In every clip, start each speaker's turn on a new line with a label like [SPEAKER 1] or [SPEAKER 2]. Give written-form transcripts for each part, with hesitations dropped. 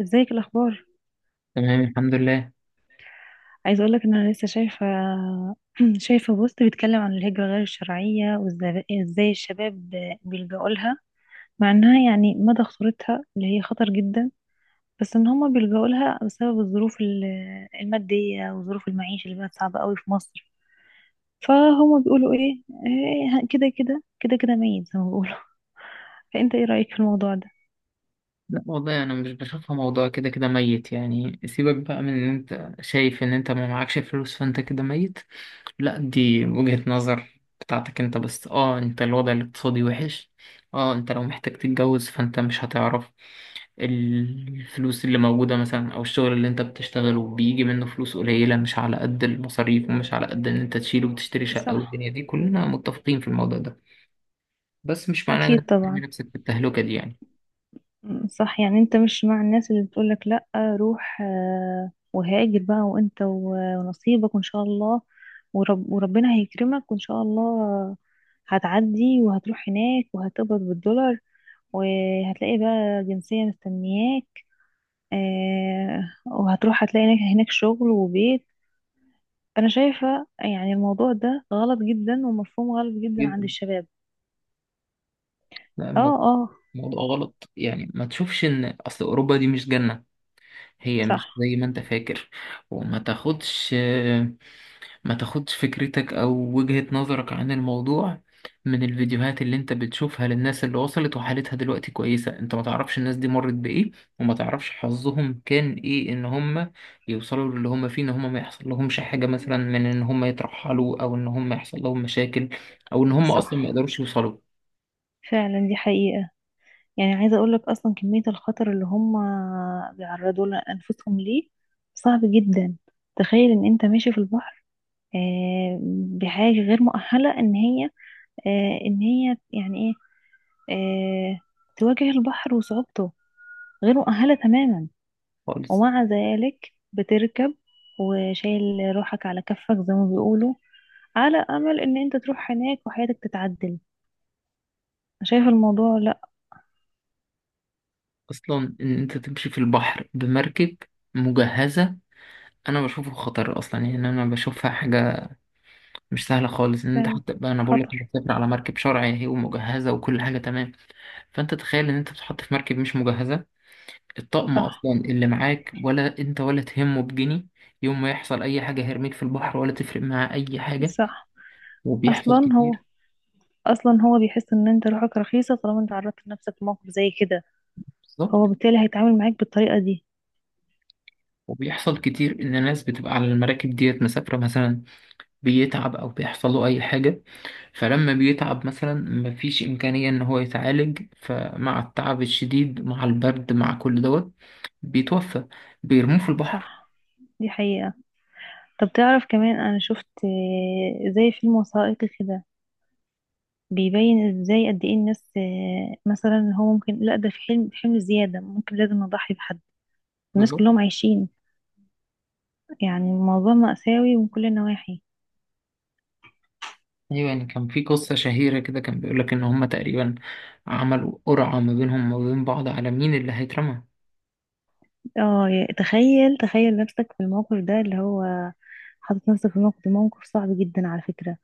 [SPEAKER 1] ازيك الاخبار؟
[SPEAKER 2] تمام، الحمد لله.
[SPEAKER 1] عايزه اقولك ان انا لسه شايفه شايفه بوست بيتكلم عن الهجره غير الشرعيه وازاي إزاي الشباب بيلجأوا لها، مع انها يعني مدى خطورتها اللي هي خطر جدا، بس ان هما بيلجأوا لها بسبب الظروف الماديه وظروف المعيشه اللي بقت صعبه قوي في مصر. فهما بيقولوا إيه، كده كده ميت زي ما بيقولوا. فانت ايه رايك في الموضوع ده؟
[SPEAKER 2] لا والله انا مش بشوفها موضوع كده كده ميت. يعني سيبك بقى من ان انت شايف ان انت ما معكش فلوس فانت كده ميت. لا، دي وجهة نظر بتاعتك انت. بس انت الوضع الاقتصادي وحش. اه انت لو محتاج تتجوز فانت مش هتعرف الفلوس اللي موجودة مثلا، او الشغل اللي انت بتشتغله بيجي منه فلوس قليلة مش على قد المصاريف، ومش على قد ان انت تشيله وتشتري شقة.
[SPEAKER 1] صح.
[SPEAKER 2] والدنيا دي كلنا متفقين في الموضوع ده. بس مش معناه ان
[SPEAKER 1] اكيد
[SPEAKER 2] انت ترمي
[SPEAKER 1] طبعا.
[SPEAKER 2] نفسك في التهلكة دي يعني.
[SPEAKER 1] صح، يعني انت مش مع الناس اللي بتقولك لأ روح، وهاجر بقى وانت ونصيبك وان شاء الله، وربنا هيكرمك وان شاء الله هتعدي وهتروح هناك وهتقبض بالدولار، وهتلاقي بقى جنسية مستنياك، آه، وهتروح هتلاقي هناك شغل وبيت. انا شايفة يعني الموضوع ده غلط جدا ومفهوم غلط جدا عند
[SPEAKER 2] جدا.
[SPEAKER 1] الشباب.
[SPEAKER 2] لا،
[SPEAKER 1] اه
[SPEAKER 2] الموضوع
[SPEAKER 1] اه.
[SPEAKER 2] موضوع غلط. يعني ما تشوفش ان اصل اوروبا دي مش جنة، هي مش
[SPEAKER 1] صح.
[SPEAKER 2] زي ما انت فاكر. وما تاخدش، ما تاخدش فكرتك او وجهة نظرك عن الموضوع من الفيديوهات اللي انت بتشوفها للناس اللي وصلت وحالتها دلوقتي كويسة. انت ما تعرفش الناس دي مرت بايه، وما تعرفش حظهم كان ايه ان هم يوصلوا للي هم فيه، ان هم ما يحصل لهمش حاجة مثلا من ان هم يترحلوا، او ان هم يحصل لهم مشاكل، او ان هم
[SPEAKER 1] صح
[SPEAKER 2] اصلا ما يقدروش يوصلوا.
[SPEAKER 1] فعلا، دي حقيقة. يعني عايزة اقول لك اصلا كمية الخطر اللي هم بيعرضوا لانفسهم ليه صعب جدا. تخيل ان انت ماشي في البحر، آه، بحاجة غير مؤهلة ان هي ان هي يعني ايه، آه، تواجه البحر وصعوبته، غير مؤهلة تماما،
[SPEAKER 2] خالص.
[SPEAKER 1] ومع ذلك بتركب وشايل روحك على كفك زي ما بيقولوا، على امل ان انت تروح هناك وحياتك تتعدل. شايف الموضوع؟ لا
[SPEAKER 2] اصلا ان انت تمشي في البحر بمركب مجهزه انا بشوفه خطر. اصلا يعني انا بشوفها حاجه مش سهله خالص، ان انت
[SPEAKER 1] فعلا
[SPEAKER 2] حتى بقى انا بقول لك انت
[SPEAKER 1] خطر.
[SPEAKER 2] بتسافر على مركب شرعي اهي ومجهزه وكل حاجه تمام. فانت تخيل ان انت بتتحط في مركب مش مجهزه، الطقم
[SPEAKER 1] صح.
[SPEAKER 2] اصلا اللي معاك ولا انت ولا تهمه بجنيه. يوم ما يحصل اي حاجه هيرميك في البحر ولا تفرق معاه اي حاجه.
[SPEAKER 1] صح.
[SPEAKER 2] وبيحصل
[SPEAKER 1] اصلا هو
[SPEAKER 2] كتير.
[SPEAKER 1] اصلا هو بيحس ان انت روحك رخيصة طالما انت عرضت نفسك لموقف زي كده،
[SPEAKER 2] بالظبط.
[SPEAKER 1] فهو بالتالي هيتعامل معاك بالطريقة دي.
[SPEAKER 2] وبيحصل كتير ان ناس بتبقى على المراكب ديت مسافره مثلا، بيتعب او بيحصل له اي حاجه. فلما بيتعب مثلا مفيش إمكانية إن هو يتعالج، فمع التعب الشديد مع البرد مع كل دوت بيتوفى، بيرموه في البحر.
[SPEAKER 1] صح، دي حقيقة. طب تعرف كمان انا شفت زي فيلم وثائقي كده بيبين ازاي قد ايه الناس، مثلا هو ممكن لا ده في حلم في حمل زيادة ممكن لازم نضحي بحد، الناس
[SPEAKER 2] بالظبط.
[SPEAKER 1] كلهم عايشين. يعني الموضوع مأساوي من كل النواحي.
[SPEAKER 2] أيوة، يعني كان في قصة شهيرة كده كان بيقولك إن هما تقريبا عملوا قرعة ما بينهم وما بين بعض على مين اللي هيترمى.
[SPEAKER 1] اه تخيل تخيل نفسك في الموقف ده، اللي هو حاطط نفسك في موقف ده، موقف صعب جدا على فكرة.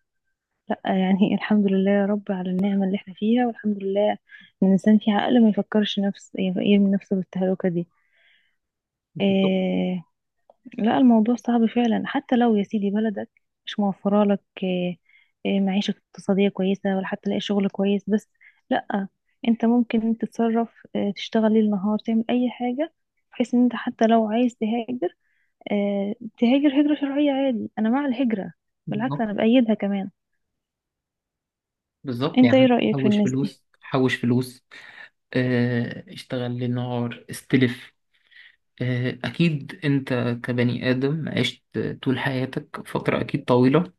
[SPEAKER 1] لا يعني الحمد لله يا رب على النعمة اللي احنا فيها، والحمد لله ان الانسان في عقل ما يفكرش نفس يرمي نفسه بالتهلكة دي.
[SPEAKER 2] بالظبط.
[SPEAKER 1] إيه؟ لا الموضوع صعب فعلا، حتى لو يا سيدي بلدك مش موفرة لك إيه، إيه معيشة اقتصادية كويسة ولا حتى تلاقي شغل كويس، بس لا انت ممكن تتصرف إيه، تشتغل ليل نهار، تعمل اي حاجة، بحيث ان انت حتى لو عايز تهاجر إيه تهاجر هجرة شرعية عادي. انا مع الهجرة، بالعكس
[SPEAKER 2] بالظبط.
[SPEAKER 1] انا بأيدها كمان.
[SPEAKER 2] بالظبط
[SPEAKER 1] انت ايه
[SPEAKER 2] يعني
[SPEAKER 1] رأيك في
[SPEAKER 2] حوش
[SPEAKER 1] الناس دي؟
[SPEAKER 2] فلوس، حوش فلوس. اشتغل للنهار، استلف. أكيد أنت كبني آدم عشت طول حياتك فترة أكيد طويلة،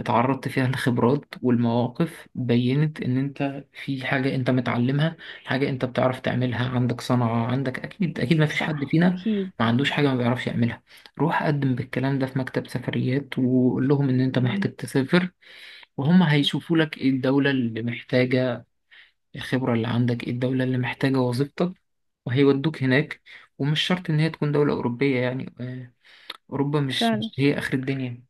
[SPEAKER 2] اتعرضت فيها لخبرات، والمواقف بينت ان انت في حاجة انت متعلمها، حاجة انت بتعرف تعملها، عندك صنعة. عندك اكيد اكيد ما فيش حد
[SPEAKER 1] صح
[SPEAKER 2] فينا
[SPEAKER 1] أكيد.
[SPEAKER 2] ما عندوش حاجة ما بيعرفش يعملها. روح قدم بالكلام ده في مكتب سفريات وقول لهم ان انت محتاج تسافر، وهم هيشوفوا لك ايه الدولة اللي محتاجة الخبرة اللي عندك، ايه الدولة اللي محتاجة وظيفتك، وهيودوك هناك. ومش شرط ان هي تكون دولة اوروبية يعني. اوروبا مش
[SPEAKER 1] فعلا
[SPEAKER 2] مش هي اخر الدنيا.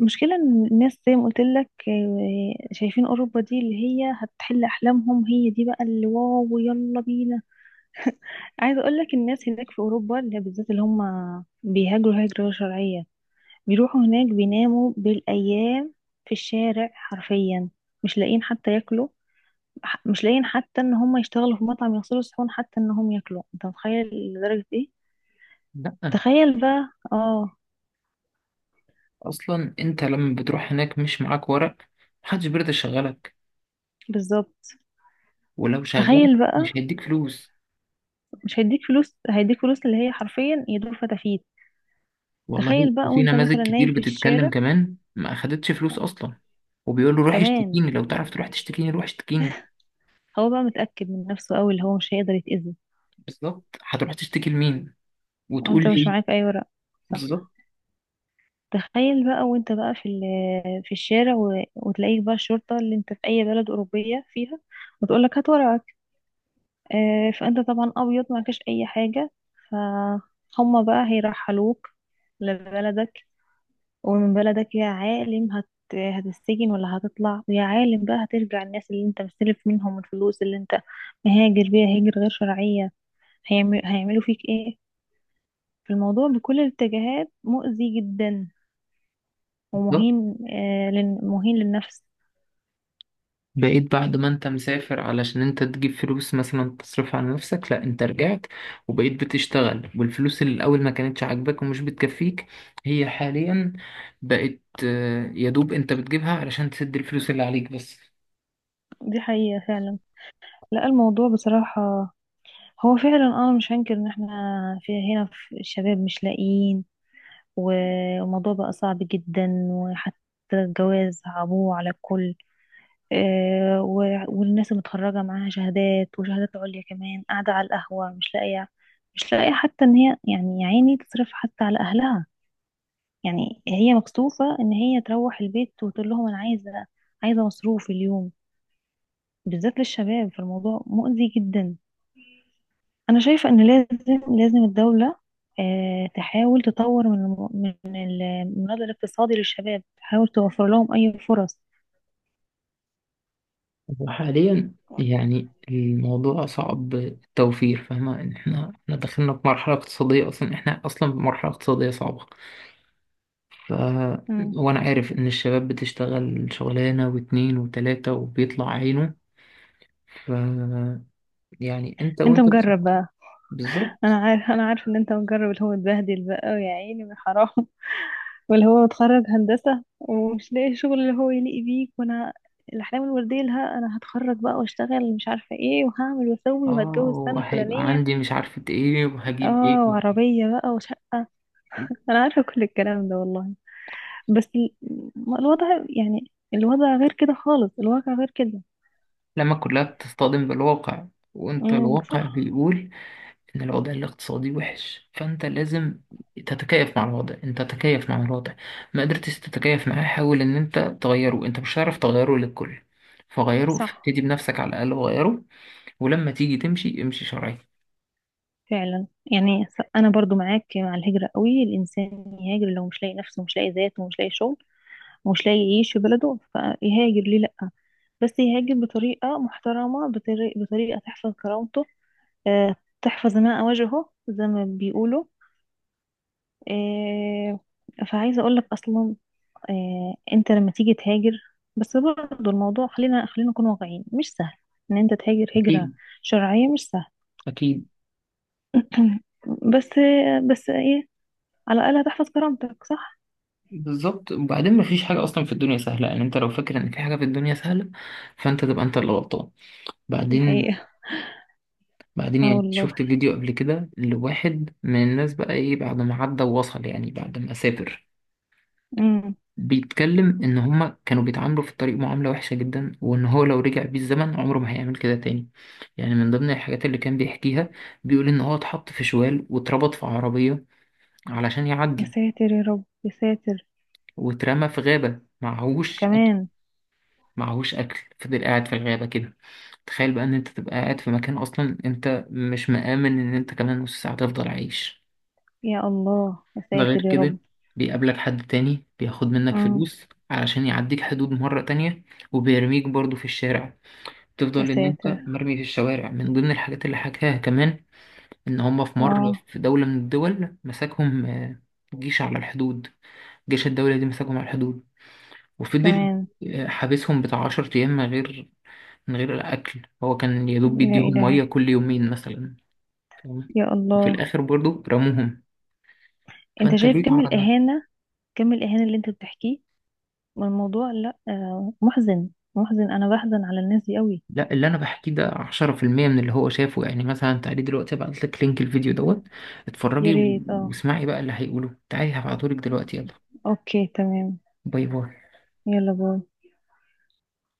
[SPEAKER 1] المشكلة إن الناس زي ما قلت لك، شايفين أوروبا دي اللي هي هتحل أحلامهم، هي دي بقى اللي واو يلا بينا. عايزة أقول لك الناس هناك في أوروبا اللي هي بالذات اللي هم بيهاجروا هجرة غير شرعية بيروحوا هناك بيناموا بالأيام في الشارع حرفيا، مش لاقيين حتى ياكلوا، مش لاقيين حتى إن هم يشتغلوا في مطعم يغسلوا الصحون حتى إن هم ياكلوا. أنت متخيل لدرجة إيه؟
[SPEAKER 2] لا،
[SPEAKER 1] تخيل بقى آه.
[SPEAKER 2] اصلا انت لما بتروح هناك مش معاك ورق، محدش بيرضى يشغلك.
[SPEAKER 1] بالظبط.
[SPEAKER 2] ولو شغلك
[SPEAKER 1] تخيل بقى.
[SPEAKER 2] مش هيديك فلوس.
[SPEAKER 1] مش هيديك فلوس، هيديك فلوس اللي هي حرفيا يدور فتافيت.
[SPEAKER 2] والله،
[SPEAKER 1] تخيل بقى
[SPEAKER 2] وفي
[SPEAKER 1] وانت
[SPEAKER 2] نماذج
[SPEAKER 1] مثلا
[SPEAKER 2] كتير
[SPEAKER 1] نايم في
[SPEAKER 2] بتتكلم
[SPEAKER 1] الشارع،
[SPEAKER 2] كمان ما اخدتش فلوس اصلا. وبيقول له روح
[SPEAKER 1] كمان
[SPEAKER 2] اشتكيني، لو تعرف تروح تشتكيني روح اشتكيني.
[SPEAKER 1] هو بقى متأكد من نفسه قوي اللي هو مش هيقدر يتأذي،
[SPEAKER 2] بالظبط، هتروح تشتكي لمين وتقول
[SPEAKER 1] وانت مش
[SPEAKER 2] ايه؟
[SPEAKER 1] معاك اي ورق.
[SPEAKER 2] بالظبط.
[SPEAKER 1] صح. تخيل بقى وانت بقى في الشارع وتلاقيك بقى الشرطة اللي انت في اي بلد أوروبية فيها وتقولك هات ورقك، آه فانت طبعا ابيض معكش اي حاجة، فهم بقى هيرحلوك لبلدك. ومن بلدك يا عالم هتسجن ولا هتطلع، ويا عالم بقى هترجع الناس اللي انت مستلف منهم الفلوس اللي انت مهاجر بيها هجرة غير شرعية هيعملوا فيك ايه. فالموضوع بكل الاتجاهات مؤذي جدا
[SPEAKER 2] بالظبط،
[SPEAKER 1] ومهين، آه لن... مهين للنفس.
[SPEAKER 2] بقيت بعد ما انت مسافر علشان انت تجيب فلوس مثلا تصرف على نفسك، لا انت رجعت وبقيت بتشتغل، والفلوس اللي الاول ما كانتش عاجباك ومش بتكفيك هي حاليا بقت يا دوب انت بتجيبها علشان تسد الفلوس اللي عليك بس.
[SPEAKER 1] دي حقيقة فعلا. لا الموضوع بصراحة هو فعلا انا مش هنكر ان احنا في هنا في الشباب مش لاقيين، والموضوع بقى صعب جدا، وحتى الجواز صعبوه على الكل. والناس متخرجة معاها شهادات وشهادات عليا كمان قاعدة على القهوة مش لاقية، حتى ان هي يعني يا عيني تصرف حتى على اهلها، يعني هي مكسوفة ان هي تروح البيت وتقول لهم انا عايزة، عايزة مصروف اليوم، بالذات للشباب. فالموضوع مؤذي جدا. انا شايفة ان لازم لازم الدولة تحاول تطور من من المناضل الاقتصادي للشباب، تحاول توفر لهم اي فرص.
[SPEAKER 2] وحاليا يعني الموضوع صعب التوفير. فاهمة ان احنا دخلنا في مرحلة اقتصادية، اصلا احنا اصلا في مرحلة اقتصادية صعبة. ف،
[SPEAKER 1] مم.
[SPEAKER 2] وانا عارف ان الشباب بتشتغل شغلانة واتنين وتلاتة وبيطلع عينه. ف، يعني انت
[SPEAKER 1] انت
[SPEAKER 2] وانت بت-.
[SPEAKER 1] مجرب. انا
[SPEAKER 2] بالظبط.
[SPEAKER 1] عارف انا عارف ان انت مجرب اللي هو اتبهدل بقى، ويا عيني من حرام. واللي هو اتخرج هندسة ومش لاقي شغل اللي هو يليق بيك. وانا الاحلام الوردية لها، انا هتخرج بقى واشتغل مش عارفة ايه وهعمل واسوي
[SPEAKER 2] اه،
[SPEAKER 1] وهتجوز السنة
[SPEAKER 2] وهيبقى
[SPEAKER 1] الفلانية.
[SPEAKER 2] عندي مش عارفة ايه وهجيب ايه.
[SPEAKER 1] اه وعربية بقى وشقة. انا عارفة كل الكلام ده والله. بس ما الوضع، يعني الوضع غير كده خالص، الواقع غير كده.
[SPEAKER 2] لما كلها بتصطدم بالواقع، وانت الواقع
[SPEAKER 1] صح.
[SPEAKER 2] بيقول ان الوضع الاقتصادي وحش. فانت لازم تتكيف مع الوضع، انت تتكيف مع الوضع. ما قدرتش تتكيف معاه حاول ان انت تغيره. انت مش هتعرف تغيره للكل، فغيره
[SPEAKER 1] صح
[SPEAKER 2] ابتدي بنفسك على الاقل وغيره. ولما تيجي تمشي، امشي شرعي.
[SPEAKER 1] فعلا. يعني انا برضو معاك مع الهجرة قوي. الانسان يهاجر لو مش لاقي نفسه مش لاقي ذاته ومش لاقي شغل مش لاقي يعيش في بلده فيهاجر، ليه لأ؟ بس يهاجر بطريقة محترمة، بطريقة تحفظ كرامته، آه، تحفظ ماء وجهه زي ما بيقولوا. آه، فعايزة أقولك أصلا أنت لما تيجي تهاجر، بس برضه الموضوع خلينا خلينا نكون واقعيين، مش سهل إن أنت تهاجر هجرة
[SPEAKER 2] اكيد.
[SPEAKER 1] شرعية، مش سهل.
[SPEAKER 2] اكيد.
[SPEAKER 1] بس بس إيه، على الأقل هتحفظ كرامتك، صح؟
[SPEAKER 2] بالظبط. وبعدين مفيش حاجة أصلا في الدنيا سهلة. يعني أنت لو فاكر إن في حاجة في الدنيا سهلة فأنت تبقى أنت اللي غلطان.
[SPEAKER 1] دي
[SPEAKER 2] بعدين،
[SPEAKER 1] حقيقة.
[SPEAKER 2] بعدين
[SPEAKER 1] اه
[SPEAKER 2] يعني
[SPEAKER 1] والله.
[SPEAKER 2] شفت فيديو قبل كده لواحد من الناس بقى إيه بعد ما عدى ووصل، يعني بعد ما سافر،
[SPEAKER 1] امم.
[SPEAKER 2] بيتكلم إن هما كانوا بيتعاملوا في الطريق معاملة وحشة جدا، وإن هو لو رجع بيه الزمن عمره ما هيعمل كده تاني. يعني من ضمن الحاجات اللي كان بيحكيها، بيقول إن هو اتحط في شوال واتربط في عربية علشان
[SPEAKER 1] يا
[SPEAKER 2] يعدي،
[SPEAKER 1] ساتر يا رب يا ساتر.
[SPEAKER 2] واترمى في غابة معهوش،
[SPEAKER 1] كمان.
[SPEAKER 2] معهوش اكل، فضل قاعد في الغابه كده. تخيل بقى ان انت تبقى قاعد في مكان اصلا انت مش مآمن ان انت كمان نص ساعه تفضل عايش.
[SPEAKER 1] يا الله يا
[SPEAKER 2] ده غير
[SPEAKER 1] ساتر يا رب.
[SPEAKER 2] كده بيقابلك حد تاني بياخد منك
[SPEAKER 1] امم.
[SPEAKER 2] فلوس علشان يعديك حدود مرة تانية، وبيرميك برضو في الشارع.
[SPEAKER 1] يا
[SPEAKER 2] تفضل ان انت
[SPEAKER 1] ساتر.
[SPEAKER 2] مرمي في الشوارع. من ضمن الحاجات اللي حكاها كمان ان هما في مرة
[SPEAKER 1] اه.
[SPEAKER 2] في دولة من الدول مساكهم جيش على الحدود. جيش الدولة دي مساكهم على الحدود، وفضل
[SPEAKER 1] كمان.
[SPEAKER 2] حابسهم بتاع 10 أيام من غير، من غير الأكل. هو كان يا دوب
[SPEAKER 1] يا
[SPEAKER 2] بيديهم
[SPEAKER 1] إلهي.
[SPEAKER 2] مية كل يومين مثلا. فاهم؟
[SPEAKER 1] يا
[SPEAKER 2] وفي
[SPEAKER 1] الله.
[SPEAKER 2] الآخر برضو رموهم.
[SPEAKER 1] انت
[SPEAKER 2] فأنت
[SPEAKER 1] شايف
[SPEAKER 2] ليه
[SPEAKER 1] كم
[SPEAKER 2] تعرض نفسك؟
[SPEAKER 1] الإهانة، اللي انت بتحكيه، والموضوع لا آه محزن، محزن انا بحزن على الناس دي قوي.
[SPEAKER 2] لا، اللي أنا بحكيه ده 10% من اللي هو شافه. يعني مثلا تعالي دلوقتي أبعت لك لينك الفيديو دوت،
[SPEAKER 1] يا
[SPEAKER 2] اتفرجي
[SPEAKER 1] ريت اه.
[SPEAKER 2] واسمعي بقى اللي هيقوله. تعالي هبعتهولك دلوقتي، يلا.
[SPEAKER 1] اوكي تمام.
[SPEAKER 2] باي باي.
[SPEAKER 1] يلا باي.